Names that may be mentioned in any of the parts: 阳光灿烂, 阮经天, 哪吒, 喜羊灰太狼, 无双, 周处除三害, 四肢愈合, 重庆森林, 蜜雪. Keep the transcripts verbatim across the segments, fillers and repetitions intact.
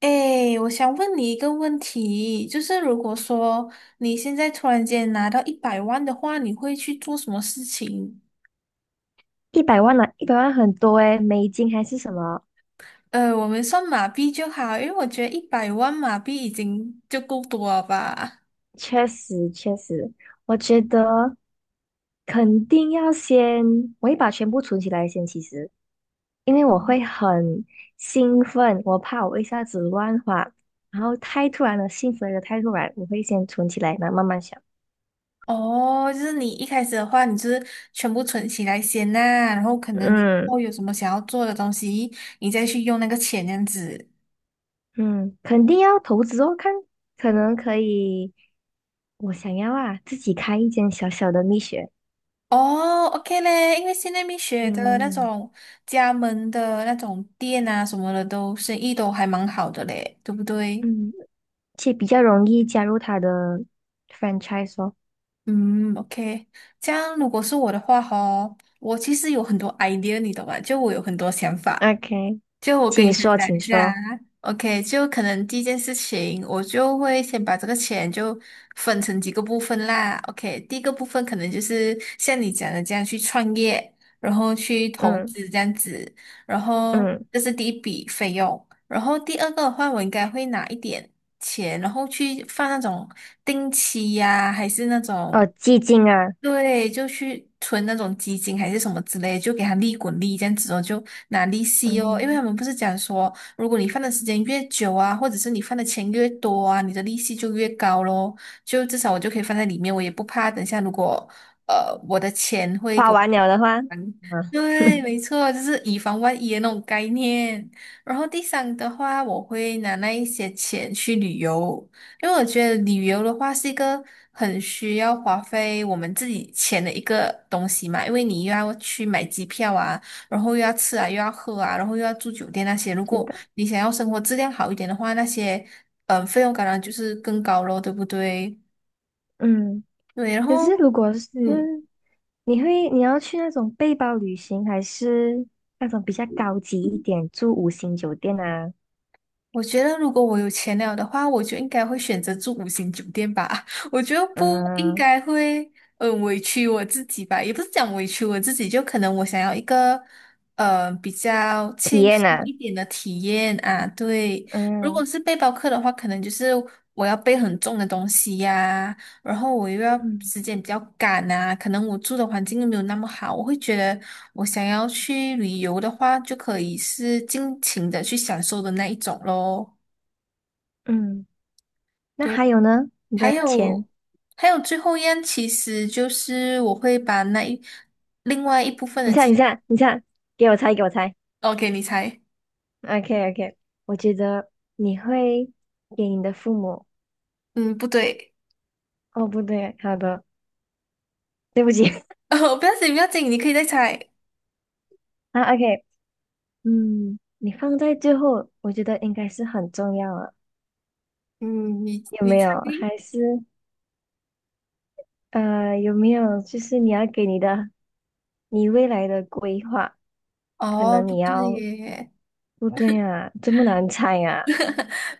哎，我想问你一个问题，就是如果说你现在突然间拿到一百万的话，你会去做什么事情？一百万呢、一百万很多诶，美金还是什么？呃，我们算马币就好，因为我觉得一百万马币已经就够多了吧。确实，确实，我觉得肯定要先，我会把全部存起来先。其实，因为我会很兴奋，我怕我一下子乱花，然后太突然了，兴奋的太突然，我会先存起来，然后慢慢想。哦，就是你一开始的话，你就是全部存起来先呐、然后可能你以嗯后有什么想要做的东西，你再去用那个钱这样子。嗯，肯定要投资哦，看可能可以，我想要啊，自己开一间小小的蜜雪。哦，OK 嘞，因为现在蜜雪的那嗯种加盟的那种店啊什么的都，生意都还蛮好的嘞，对不对？嗯。且比较容易加入他的 franchise 哦。嗯，OK，这样如果是我的话吼，我其实有很多 idea，你懂吧？就我有很多想法，OK，就我跟你请分说，享请一下啊说。，OK，就可能第一件事情，我就会先把这个钱就分成几个部分啦。OK，第一个部分可能就是像你讲的这样去创业，然后去投嗯资这样子，然后嗯，这是第一笔费用。然后第二个的话，我应该会拿一点钱，然后去放那种定期呀、还是那种。哦，寂静啊，对，就去存那种基金还是什么之类，就给他利滚利，这样子哦，就拿利息哦。因为他嗯，们不是讲说，如果你放的时间越久啊，或者是你放的钱越多啊，你的利息就越高咯。就至少我就可以放在里面，我也不怕等下如果呃我的钱会给花我完了的话，啊，对，没错，就是以防万一的那种概念。然后第三的话，我会拿那一些钱去旅游，因为我觉得旅游的话是一个很需要花费我们自己钱的一个东西嘛，因为你又要去买机票啊，然后又要吃啊，又要喝啊，然后又要住酒店那些。如是果的，你想要生活质量好一点的话，那些嗯、呃费用当然就是更高咯，对不对？嗯。对，然后。可是如果是嗯，你会你要去那种背包旅行，还是那种比较高级一点，住五星酒店啊，我觉得如果我有钱了的话，我就应该会选择住五星酒店吧。我觉得不应嗯，该会嗯委屈我自己吧，也不是讲委屈我自己，就可能我想要一个呃比较体轻验松啊，一点的体验啊。对，如果嗯是背包客的话，可能就是我要背很重的东西呀、然后我又要嗯时间比较赶啊，可能我住的环境又没有那么好，我会觉得我想要去旅游的话，就可以是尽情的去享受的那一种咯。嗯。那对，还有呢？你还的钱，有还有最后一样，其实就是我会把那一另外一部分你的看，钱你看，你看，给我猜，给我猜。，OK，你猜，OK OK，我觉得你会给你的父母，嗯，不对，哦不对，好的，对不起 哦，不要紧，不要紧，你可以再猜，啊 OK，嗯，你放在最后，我觉得应该是很重要了，嗯，你有你没猜，有？还是呃有没有就是你要给你的你未来的规划，可哦，能不你对要耶，不对啊，这么难猜啊，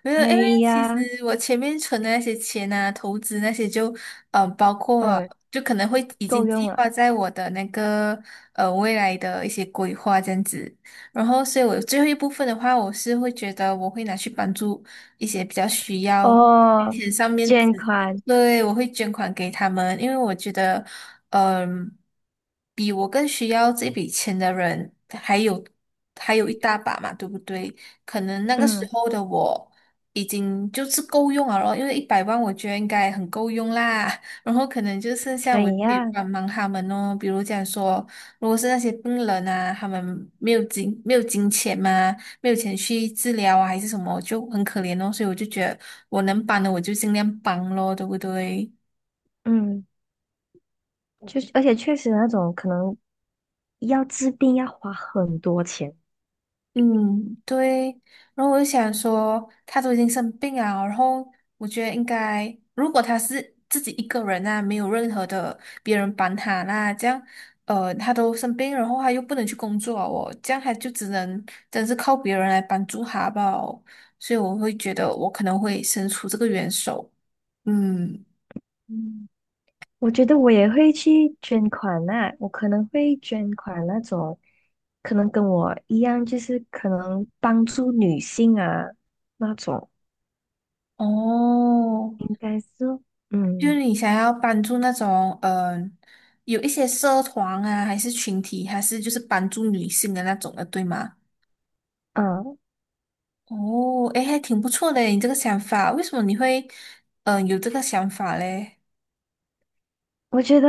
没有，哎因为其呀，实我前面存的那些钱啊，投资那些就，呃，包括哦就可能会已够经用计了，划在我的那个呃未来的一些规划这样子。然后，所以我最后一部分的话，我是会觉得我会拿去帮助一些比较需要金哦钱上面捐子，款，对，我会捐款给他们，因为我觉得，嗯、比我更需要这笔钱的人还有还有一大把嘛，对不对？可能那个时嗯候的我已经就是够用了后因为一百万我觉得应该很够用啦。然后可能就剩下可我可以以呀、帮忙他们哦，比如讲说，如果是那些病人啊，他们没有金没有金钱嘛，没有钱去治疗啊，还是什么，就很可怜哦。所以我就觉得我能帮的我就尽量帮咯，对不对？嗯。就是，而且确实那种可能要治病要花很多钱。嗯，对。然后我就想说，他都已经生病啊，然后我觉得应该，如果他是自己一个人啊，没有任何的别人帮他啦，这样，呃，他都生病，然后他又不能去工作啊我这样他就只能真是靠别人来帮助他吧。所以我会觉得我可能会伸出这个援手。嗯，嗯，我觉得我也会去捐款呐、我可能会捐款那种，可能跟我一样，就是可能帮助女性啊那种，哦，应该是，就嗯是你想要帮助那种，嗯、有一些社团啊，还是群体，还是就是帮助女性的那种的，对吗？嗯，啊哦，诶，还挺不错的，你这个想法，为什么你会，嗯、有这个想法嘞？我觉得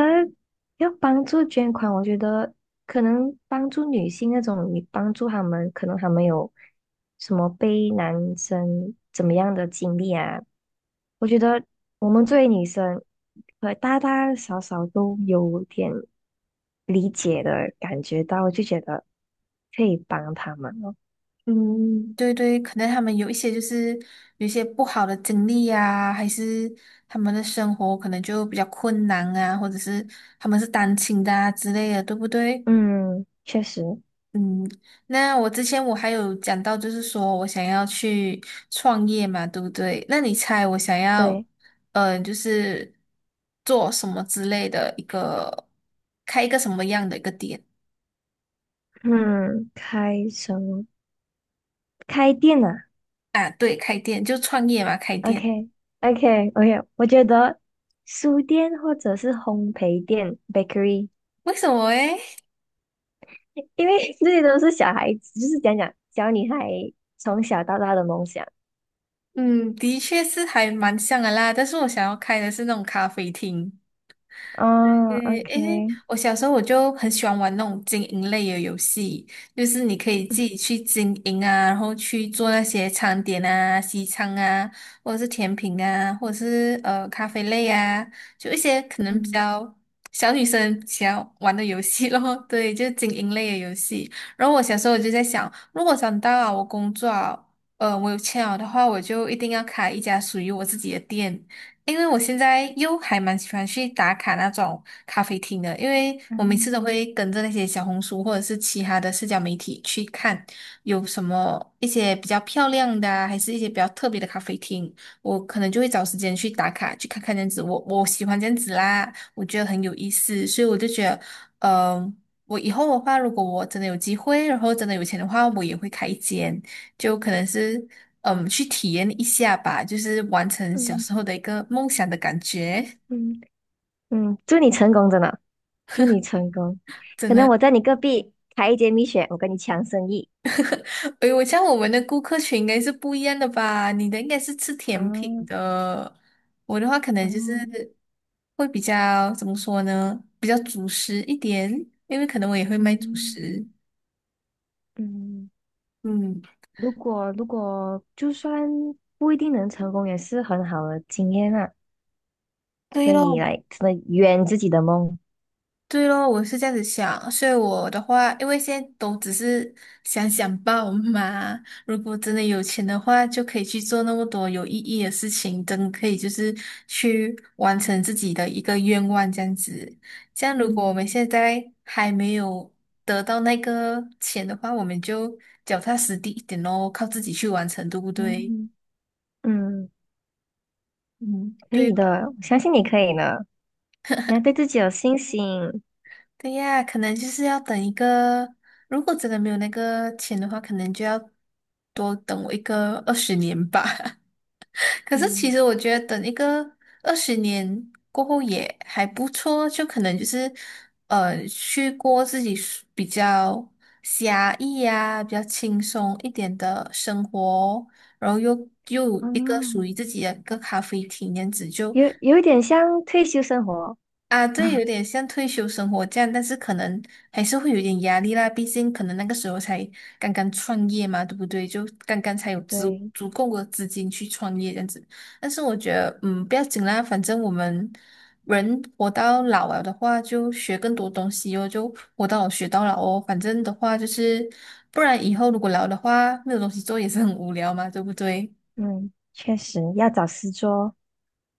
要帮助捐款，我觉得可能帮助女性那种，你帮助他们，可能他们有什么被男生怎么样的经历啊？我觉得我们作为女生，呃，大大小小都有点理解的感觉到，我就觉得可以帮他们了。嗯，对对，可能他们有一些就是有一些不好的经历啊，还是他们的生活可能就比较困难啊，或者是他们是单亲的啊之类的，对不对？嗯，确实，嗯，那我之前我还有讲到，就是说我想要去创业嘛，对不对？那你猜我想要，对，嗯、就是做什么之类的一个，开一个什么样的一个店嗯，开什么？开店啊？啊？对，开店就创业嘛，开 o 店。k o k o k 我觉得书店或者是烘焙店 （bakery），为什么诶？因为 这些都是小孩子，就是讲讲小女孩从小到大的梦想。嗯，的确是还蛮像的啦，但是我想要开的是那种咖啡厅。哦对，诶，，OK，我小时候我就很喜欢玩那种经营类的游戏，就是你可以自嗯己去经营啊，然后去做那些餐点啊、西餐啊，或者是甜品啊，或者是呃咖啡类啊，就一些可能比嗯较小女生想要玩的游戏咯。对，就是经营类的游戏。然后我小时候我就在想，如果长大了我工作啊，呃，我有钱了的话，我就一定要开一家属于我自己的店。因为我现在又还蛮喜欢去打卡那种咖啡厅的，因为我每次嗯都会跟着那些小红书或者是其他的社交媒体去看有什么一些比较漂亮的啊还是一些比较特别的咖啡厅，我可能就会找时间去打卡，去看看这样子。我我喜欢这样子啦，我觉得很有意思，所以我就觉得，嗯、我以后的话，如果我真的有机会，然后真的有钱的话，我也会开一间。就可能是嗯，去体验一下吧，就是完成小嗯时候的一个梦想的感觉。嗯嗯，祝你成功，真的，祝你成功。真可能的，我在你隔壁开一间蜜雪，我跟你抢生意。哎，我像我们的顾客群应该是不一样的吧？你的应该是吃甜品哦，的，我的话可能就是嗯会比较怎么说呢？比较主食一点，因为可能我也会卖主嗯食。嗯。嗯，如果如果就算不一定能成功，也是很好的经验啊，对可以咯，来真的圆自己的梦。对咯，我是这样子想，所以我的话，因为现在都只是想想报嘛。如果真的有钱的话，就可以去做那么多有意义的事情，真的可以就是去完成自己的一个愿望这样子。这样，如果我嗯们现在还没有得到那个钱的话，我们就脚踏实地一点咯，靠自己去完成，对不对？嗯嗯，嗯，可对。以的，我相信你可以的。你要对自己有信心。对呀，可能就是要等一个，如果真的没有那个钱的话，可能就要多等我一个二十年吧。可是其嗯，实我觉得等一个二十年过后也还不错，就可能就是呃去过自己舒比较狭义呀、比较轻松一点的生活哦，然后又又有哦，一个属于自己的一个咖啡厅，这样子就。有有一点像退休生活。啊，对，有点像退休生活这样，但是可能还是会有点压力啦。毕竟可能那个时候才刚刚创业嘛，对不对？就刚刚才有足对，足够的资金去创业这样子。但是我觉得，嗯，不要紧啦，反正我们人活到老了的话，就学更多东西哦，就活到老学到老哦。反正的话就是，不然以后如果老的话，没有东西做也是很无聊嘛，对不对？嗯，确实要找事做。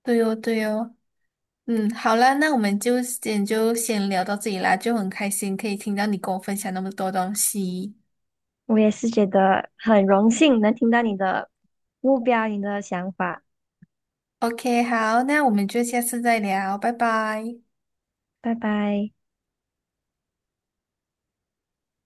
对哦，对哦。嗯，好啦，那我们就先就先聊到这里啦，就很开心可以听到你跟我分享那么多东西。我也是觉得很荣幸能听到你的目标，你的想法。OK，好，那我们就下次再聊，拜拜。拜拜。